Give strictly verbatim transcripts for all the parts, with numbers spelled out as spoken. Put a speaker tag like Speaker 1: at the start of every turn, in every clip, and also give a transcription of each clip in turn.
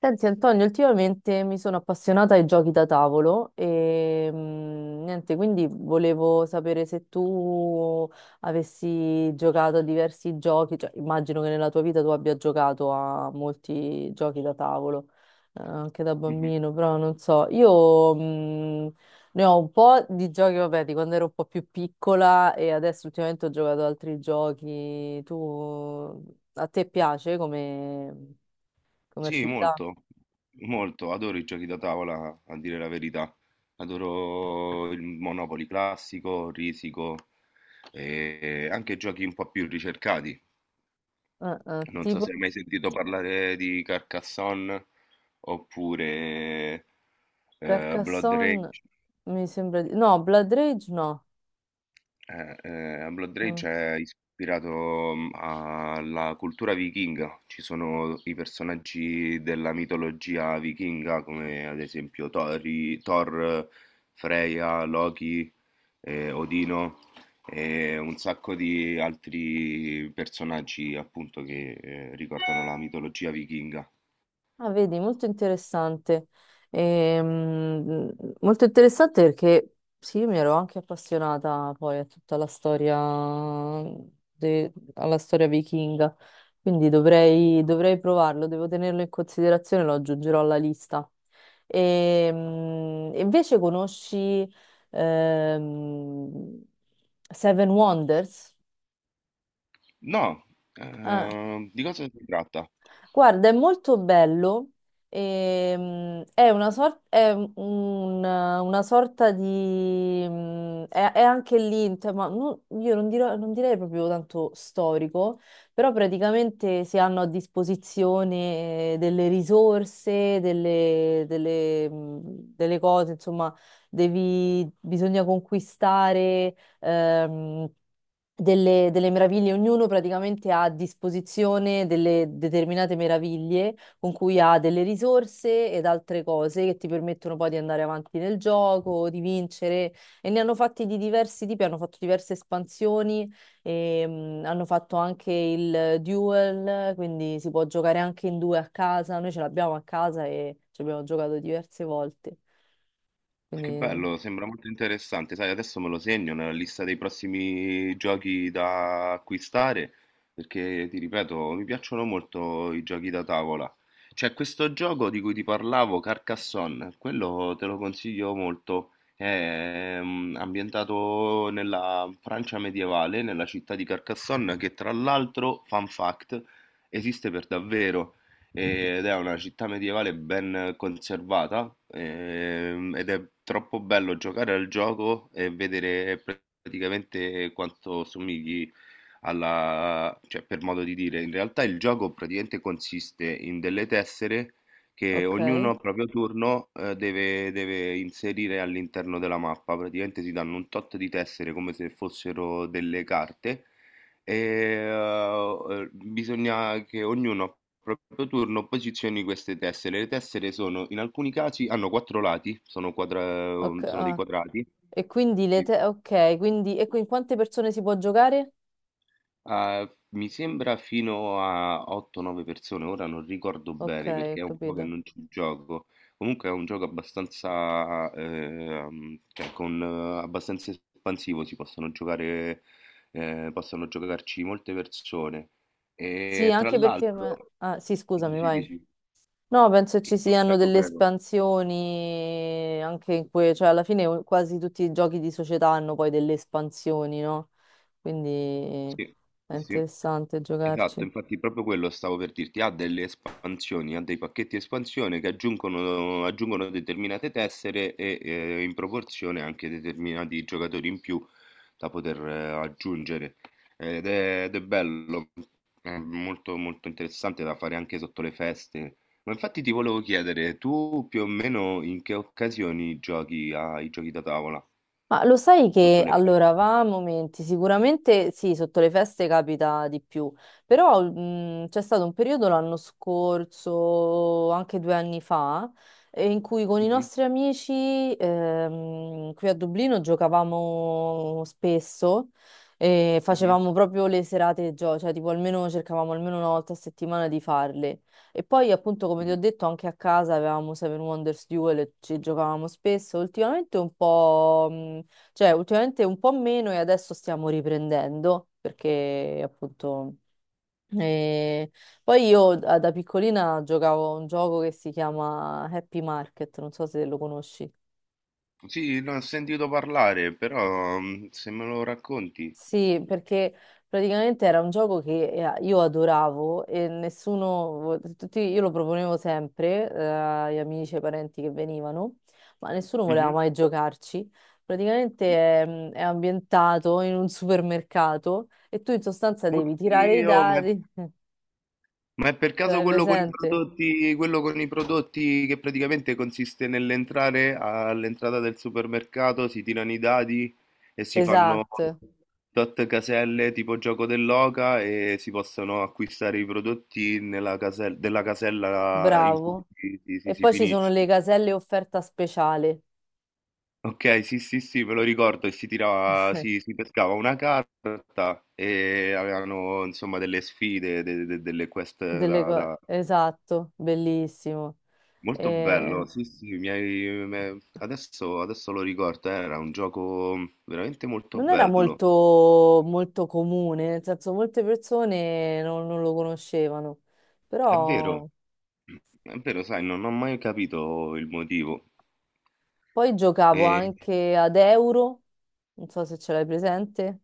Speaker 1: Senti Antonio, ultimamente mi sono appassionata ai giochi da tavolo e mm, niente, quindi volevo sapere se tu avessi giocato a diversi giochi, cioè immagino che nella tua vita tu abbia giocato a molti giochi da tavolo, eh, anche da
Speaker 2: Mh-mh.
Speaker 1: bambino, però non so, io mm, ne ho un po' di giochi, vabbè, di quando ero un po' più piccola e adesso ultimamente ho giocato ad altri giochi. Tu, a te piace come come
Speaker 2: Sì,
Speaker 1: attività?
Speaker 2: molto, molto. Adoro i giochi da tavola, a dire la verità. Adoro il Monopoli classico, Risico e anche giochi un po' più ricercati.
Speaker 1: Eh, eh,
Speaker 2: Non so
Speaker 1: tipo
Speaker 2: se hai mai sentito parlare di Carcassonne oppure, ehm, Blood
Speaker 1: Carcassonne
Speaker 2: Rage.
Speaker 1: mi sembra di... No, Blood Rage no.
Speaker 2: Eh, eh, a Blood Rage
Speaker 1: Mm.
Speaker 2: è ispirato mm, alla cultura vichinga. Ci sono i personaggi della mitologia vichinga, come ad esempio Tori- Thor, Freya, Loki, eh, Odino e un sacco di altri personaggi appunto che eh, ricordano la mitologia vichinga.
Speaker 1: Ah, vedi, molto interessante. Ehm, molto interessante perché sì, mi ero anche appassionata poi a tutta la storia, de- alla storia vichinga, quindi dovrei, dovrei provarlo, devo tenerlo in considerazione, lo aggiungerò alla lista. Ehm, invece conosci ehm, Seven Wonders?
Speaker 2: No,
Speaker 1: Ah,
Speaker 2: eh, di cosa si tratta?
Speaker 1: guarda, è molto bello. ehm, è una, sor- è un- una sorta di... mm, È, è anche lì, in tema- non- io non, dirò- non direi proprio tanto storico, però praticamente si hanno a disposizione eh, delle risorse, delle, delle, mm, delle cose, insomma, devi, bisogna conquistare. ehm, delle, delle meraviglie, ognuno praticamente ha a disposizione delle determinate meraviglie con cui ha delle risorse ed altre cose che ti permettono poi di andare avanti nel gioco, di vincere e ne hanno fatti di diversi tipi, hanno fatto diverse espansioni, e, mm, hanno fatto anche il duel, quindi si può giocare anche in due a casa, noi ce l'abbiamo a casa e ci abbiamo giocato diverse volte.
Speaker 2: Che
Speaker 1: Quindi,
Speaker 2: bello, sembra molto interessante. Sai, adesso me lo segno nella lista dei prossimi giochi da acquistare, perché ti ripeto, mi piacciono molto i giochi da tavola. C'è questo gioco di cui ti parlavo, Carcassonne, quello te lo consiglio molto. È mm, ambientato nella Francia medievale, nella città di Carcassonne, che tra l'altro, fun fact, esiste per davvero ed è una città medievale ben conservata, ehm, ed è troppo bello giocare al gioco e vedere praticamente quanto somigli alla, cioè per modo di dire, in realtà il gioco praticamente consiste in delle tessere che
Speaker 1: ok,
Speaker 2: ognuno a proprio turno eh, deve, deve inserire all'interno della mappa, praticamente si danno un tot di tessere come se fossero delle carte e, uhm, uhm, bisogna che ognuno a proprio turno posizioni queste tessere. Le tessere sono in alcuni casi hanno quattro lati, sono quadra
Speaker 1: ok.
Speaker 2: uhm, sono dei
Speaker 1: Ah.
Speaker 2: quadrati.
Speaker 1: E quindi le
Speaker 2: Sì.
Speaker 1: te... Ok, quindi... E in quante persone si può giocare?
Speaker 2: Uhm, mi sembra fino a otto, nove persone, ora non ricordo
Speaker 1: Ok,
Speaker 2: bene
Speaker 1: ho
Speaker 2: perché è un po' che
Speaker 1: capito.
Speaker 2: non ci gioco. Comunque è un gioco abbastanza, ehm, cioè con eh, abbastanza espansivo, si possono giocare, ehm, possono giocarci molte persone.
Speaker 1: Sì,
Speaker 2: E tra
Speaker 1: anche perché... ma-
Speaker 2: l'altro…
Speaker 1: Ah, sì, scusami,
Speaker 2: Dici,
Speaker 1: vai.
Speaker 2: dici.
Speaker 1: No, penso ci siano
Speaker 2: Prego,
Speaker 1: delle
Speaker 2: prego.
Speaker 1: espansioni anche in cui... Cioè, alla fine o- quasi tutti i giochi di società hanno poi delle espansioni, no? Quindi
Speaker 2: Sì,
Speaker 1: è
Speaker 2: sì, sì.
Speaker 1: interessante
Speaker 2: Esatto,
Speaker 1: giocarci.
Speaker 2: infatti proprio quello stavo per dirti, ha delle espansioni, ha dei pacchetti espansione che aggiungono, aggiungono determinate tessere e eh, in proporzione anche determinati giocatori in più da poter eh, aggiungere. Ed è, ed è bello, è molto molto interessante da fare anche sotto le feste. Ma infatti ti volevo chiedere, tu più o meno in che occasioni giochi ai giochi da tavola?
Speaker 1: Ma lo sai
Speaker 2: Sotto
Speaker 1: che
Speaker 2: le feste?
Speaker 1: allora va a momenti, sicuramente sì, sotto le feste capita di più, però mh, c'è stato un periodo l'anno scorso, anche due anni fa, eh, in cui con i nostri amici ehm, qui a Dublino giocavamo spesso e
Speaker 2: Mhm,
Speaker 1: facevamo proprio le serate gioco, cioè tipo almeno cercavamo almeno una volta a settimana di farle. E poi appunto come ti ho
Speaker 2: mhm.
Speaker 1: detto anche a casa avevamo Seven Wonders Duel e ci giocavamo spesso, ultimamente un po'... mh, cioè, ultimamente un po' meno e adesso stiamo riprendendo perché appunto... eh, Poi io da da piccolina giocavo a un gioco che si chiama Happy Market, non so se lo conosci.
Speaker 2: Sì, ne ho sentito parlare, però, mm, se me lo racconti.
Speaker 1: Sì, perché praticamente era un gioco che eh, io adoravo e nessuno, vo- tutti, io lo proponevo sempre eh, agli amici e ai parenti che venivano, ma nessuno voleva
Speaker 2: Mhm.
Speaker 1: mai giocarci. Praticamente è, mm, è ambientato in un supermercato e tu in sostanza devi tirare i
Speaker 2: Oddio, ma, è,
Speaker 1: dadi, ce
Speaker 2: ma è per caso
Speaker 1: l'hai
Speaker 2: quello con i
Speaker 1: presente?
Speaker 2: prodotti, quello con i prodotti che praticamente consiste nell'entrare all'entrata del supermercato, si tirano i dadi e si fanno
Speaker 1: Esatto,
Speaker 2: tot caselle tipo gioco dell'oca e si possono acquistare i prodotti nella casella, della casella in cui
Speaker 1: bravo.
Speaker 2: si si-
Speaker 1: E
Speaker 2: si
Speaker 1: poi ci sono
Speaker 2: finisce.
Speaker 1: le caselle offerta speciale
Speaker 2: Okay, sì, sì, sì, me lo ricordo e si tirava si si pescava una carta e avevano insomma delle sfide, de de delle quest
Speaker 1: delle
Speaker 2: da
Speaker 1: co-
Speaker 2: da
Speaker 1: Esatto, bellissimo.
Speaker 2: molto bello,
Speaker 1: Ehm,
Speaker 2: sì, sì, mi hai me adesso adesso lo ricordo, eh, era un gioco veramente molto
Speaker 1: Non era
Speaker 2: bello.
Speaker 1: molto, molto comune, nel senso molte persone non, non lo conoscevano,
Speaker 2: È vero,
Speaker 1: però
Speaker 2: è vero, sai, non ho mai capito il motivo.
Speaker 1: poi giocavo
Speaker 2: Ehm,
Speaker 1: anche ad Euro, non so se ce l'hai presente,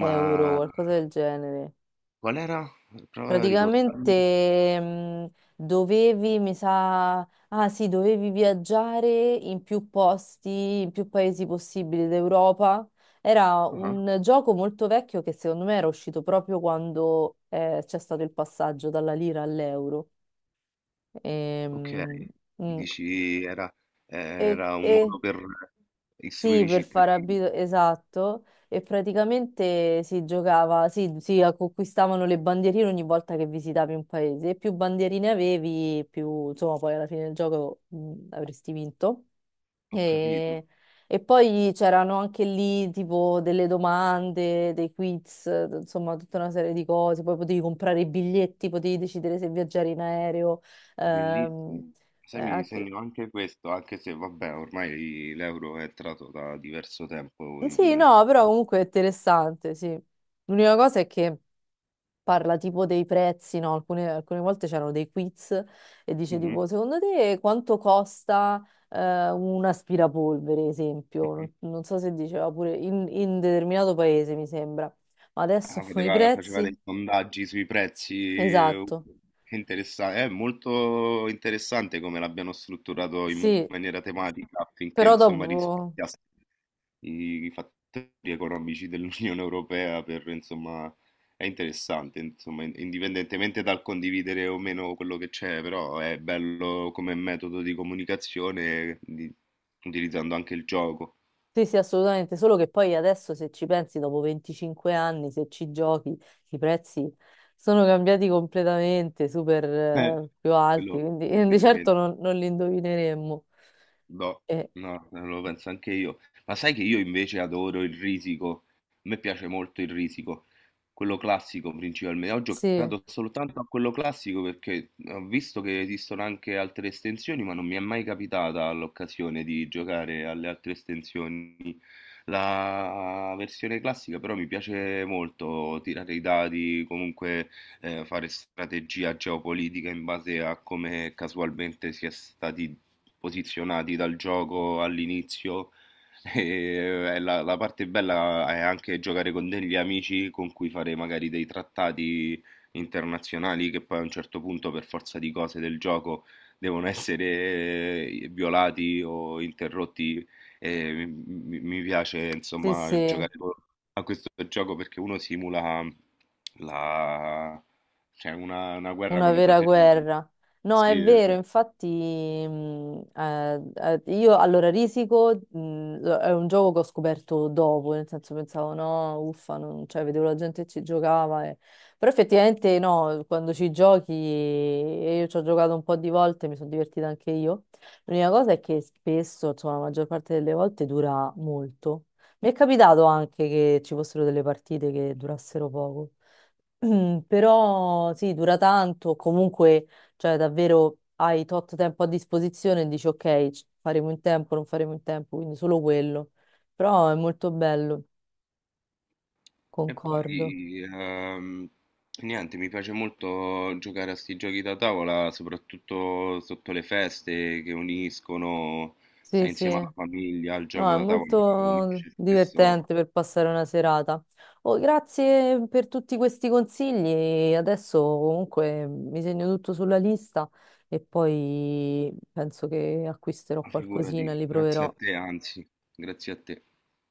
Speaker 2: ma
Speaker 1: qualcosa del genere.
Speaker 2: qual era? Prova a ricordarmelo.
Speaker 1: Praticamente mh, dovevi, mi sa, ah sì, dovevi viaggiare in più posti, in più paesi possibili d'Europa. Era
Speaker 2: Ah-ah.
Speaker 1: un gioco molto vecchio che secondo me era uscito proprio quando eh, c'è stato il passaggio dalla lira all'euro. Ehm,
Speaker 2: Okay,
Speaker 1: mm,
Speaker 2: dici era
Speaker 1: E,
Speaker 2: era un
Speaker 1: e,
Speaker 2: modo per
Speaker 1: Sì,
Speaker 2: istruire i
Speaker 1: per far
Speaker 2: cittadini.
Speaker 1: abito, esatto. E praticamente si giocava, sì, si conquistavano le bandierine ogni volta che visitavi un paese. E più bandierine avevi, più, insomma, poi alla fine del gioco mh, avresti vinto.
Speaker 2: Ho capito,
Speaker 1: E, e poi c'erano anche lì tipo delle domande, dei quiz, eh, insomma, tutta una serie di cose. Poi potevi comprare i biglietti, potevi decidere se viaggiare in aereo. Ehm,
Speaker 2: bellissimo.
Speaker 1: eh,
Speaker 2: Sai, mi
Speaker 1: anche...
Speaker 2: segno anche questo, anche se vabbè ormai l'euro è entrato da diverso tempo
Speaker 1: Sì,
Speaker 2: in
Speaker 1: no, però
Speaker 2: circolo.
Speaker 1: comunque è interessante, sì. L'unica cosa è che parla tipo dei prezzi, no? Alcune, alcune volte c'erano dei quiz e dice
Speaker 2: Mh-mh,
Speaker 1: tipo, secondo te quanto costa eh, un aspirapolvere, esempio?
Speaker 2: mh-mh.
Speaker 1: Non, non so se diceva pure in, in determinato paese, mi sembra. Ma adesso
Speaker 2: Ah,
Speaker 1: i
Speaker 2: poteva faceva dei
Speaker 1: prezzi?
Speaker 2: sondaggi sui prezzi, ehm,
Speaker 1: Esatto,
Speaker 2: che interessa, è molto interessante come l'abbiano strutturato in
Speaker 1: sì,
Speaker 2: maniera tematica affinché
Speaker 1: però
Speaker 2: insomma
Speaker 1: dopo...
Speaker 2: rispecchiasse i i fattori economici dell'Unione Europea per, insomma, è interessante, insomma, in- indipendentemente dal condividere o meno quello che c'è, però è bello come metodo di comunicazione, di- utilizzando anche il gioco.
Speaker 1: Sì, sì, assolutamente, solo che poi adesso se ci pensi, dopo venticinque anni, se ci giochi, i prezzi sono cambiati completamente, super
Speaker 2: Eh,
Speaker 1: eh, più alti,
Speaker 2: Quello
Speaker 1: quindi
Speaker 2: è
Speaker 1: eh, di certo
Speaker 2: veramente…
Speaker 1: non, non li indovineremmo.
Speaker 2: No,
Speaker 1: Eh,
Speaker 2: no, eh, lo penso anche io. Ma sai che io invece adoro il risico? A me piace molto il risico, quello classico principalmente. Ho
Speaker 1: sì,
Speaker 2: giocato soltanto a quello classico perché ho visto che esistono anche altre estensioni, ma non mi è mai capitata l'occasione di giocare alle altre estensioni. La versione classica però mi piace molto tirare i dadi, comunque eh, fare strategia geopolitica in base a come casualmente si è stati posizionati dal gioco all'inizio. E eh, la, la parte bella è anche giocare con degli amici con cui fare magari dei trattati internazionali che poi a un certo punto, per forza di cose del gioco, devono essere eh, violati o interrotti. E mi, mi piace
Speaker 1: sì,
Speaker 2: insomma
Speaker 1: sì.
Speaker 2: giocare co- a questo gioco perché uno simula la, cioè una, una guerra
Speaker 1: Una
Speaker 2: con i
Speaker 1: vera
Speaker 2: propri amici.
Speaker 1: guerra. No,
Speaker 2: Sì,
Speaker 1: è vero,
Speaker 2: esatto.
Speaker 1: infatti, mh, eh, eh, io allora Risico mh, lo- è un gioco che ho scoperto dopo, nel senso pensavo no, uffa, non- cioè, vedevo la gente che ci giocava, e- però effettivamente no, quando ci giochi, e io ci ho giocato un po' di volte, mi sono divertita anche io. L'unica cosa è che spesso, insomma, la maggior parte delle volte dura molto. Mi è capitato anche che ci fossero delle partite che durassero poco. Mm, però sì, dura tanto, comunque, cioè davvero hai tot tempo a disposizione e dici ok, ci- faremo in tempo, non faremo in tempo, quindi solo quello. Però è molto bello,
Speaker 2: E
Speaker 1: concordo.
Speaker 2: poi, ehm, niente, mi piace molto giocare a sti giochi da tavola, soprattutto sotto le feste che uniscono,
Speaker 1: Sì,
Speaker 2: stai insieme
Speaker 1: sì,
Speaker 2: alla famiglia, al
Speaker 1: no,
Speaker 2: gioco
Speaker 1: è
Speaker 2: da tavola,
Speaker 1: molto
Speaker 2: unisce spesso,
Speaker 1: divertente per passare una serata. Oh, grazie per tutti questi consigli. Adesso comunque mi segno tutto sulla lista e poi penso che acquisterò qualcosina,
Speaker 2: figurati,
Speaker 1: li
Speaker 2: grazie a
Speaker 1: proverò.
Speaker 2: te, anzi, grazie a te.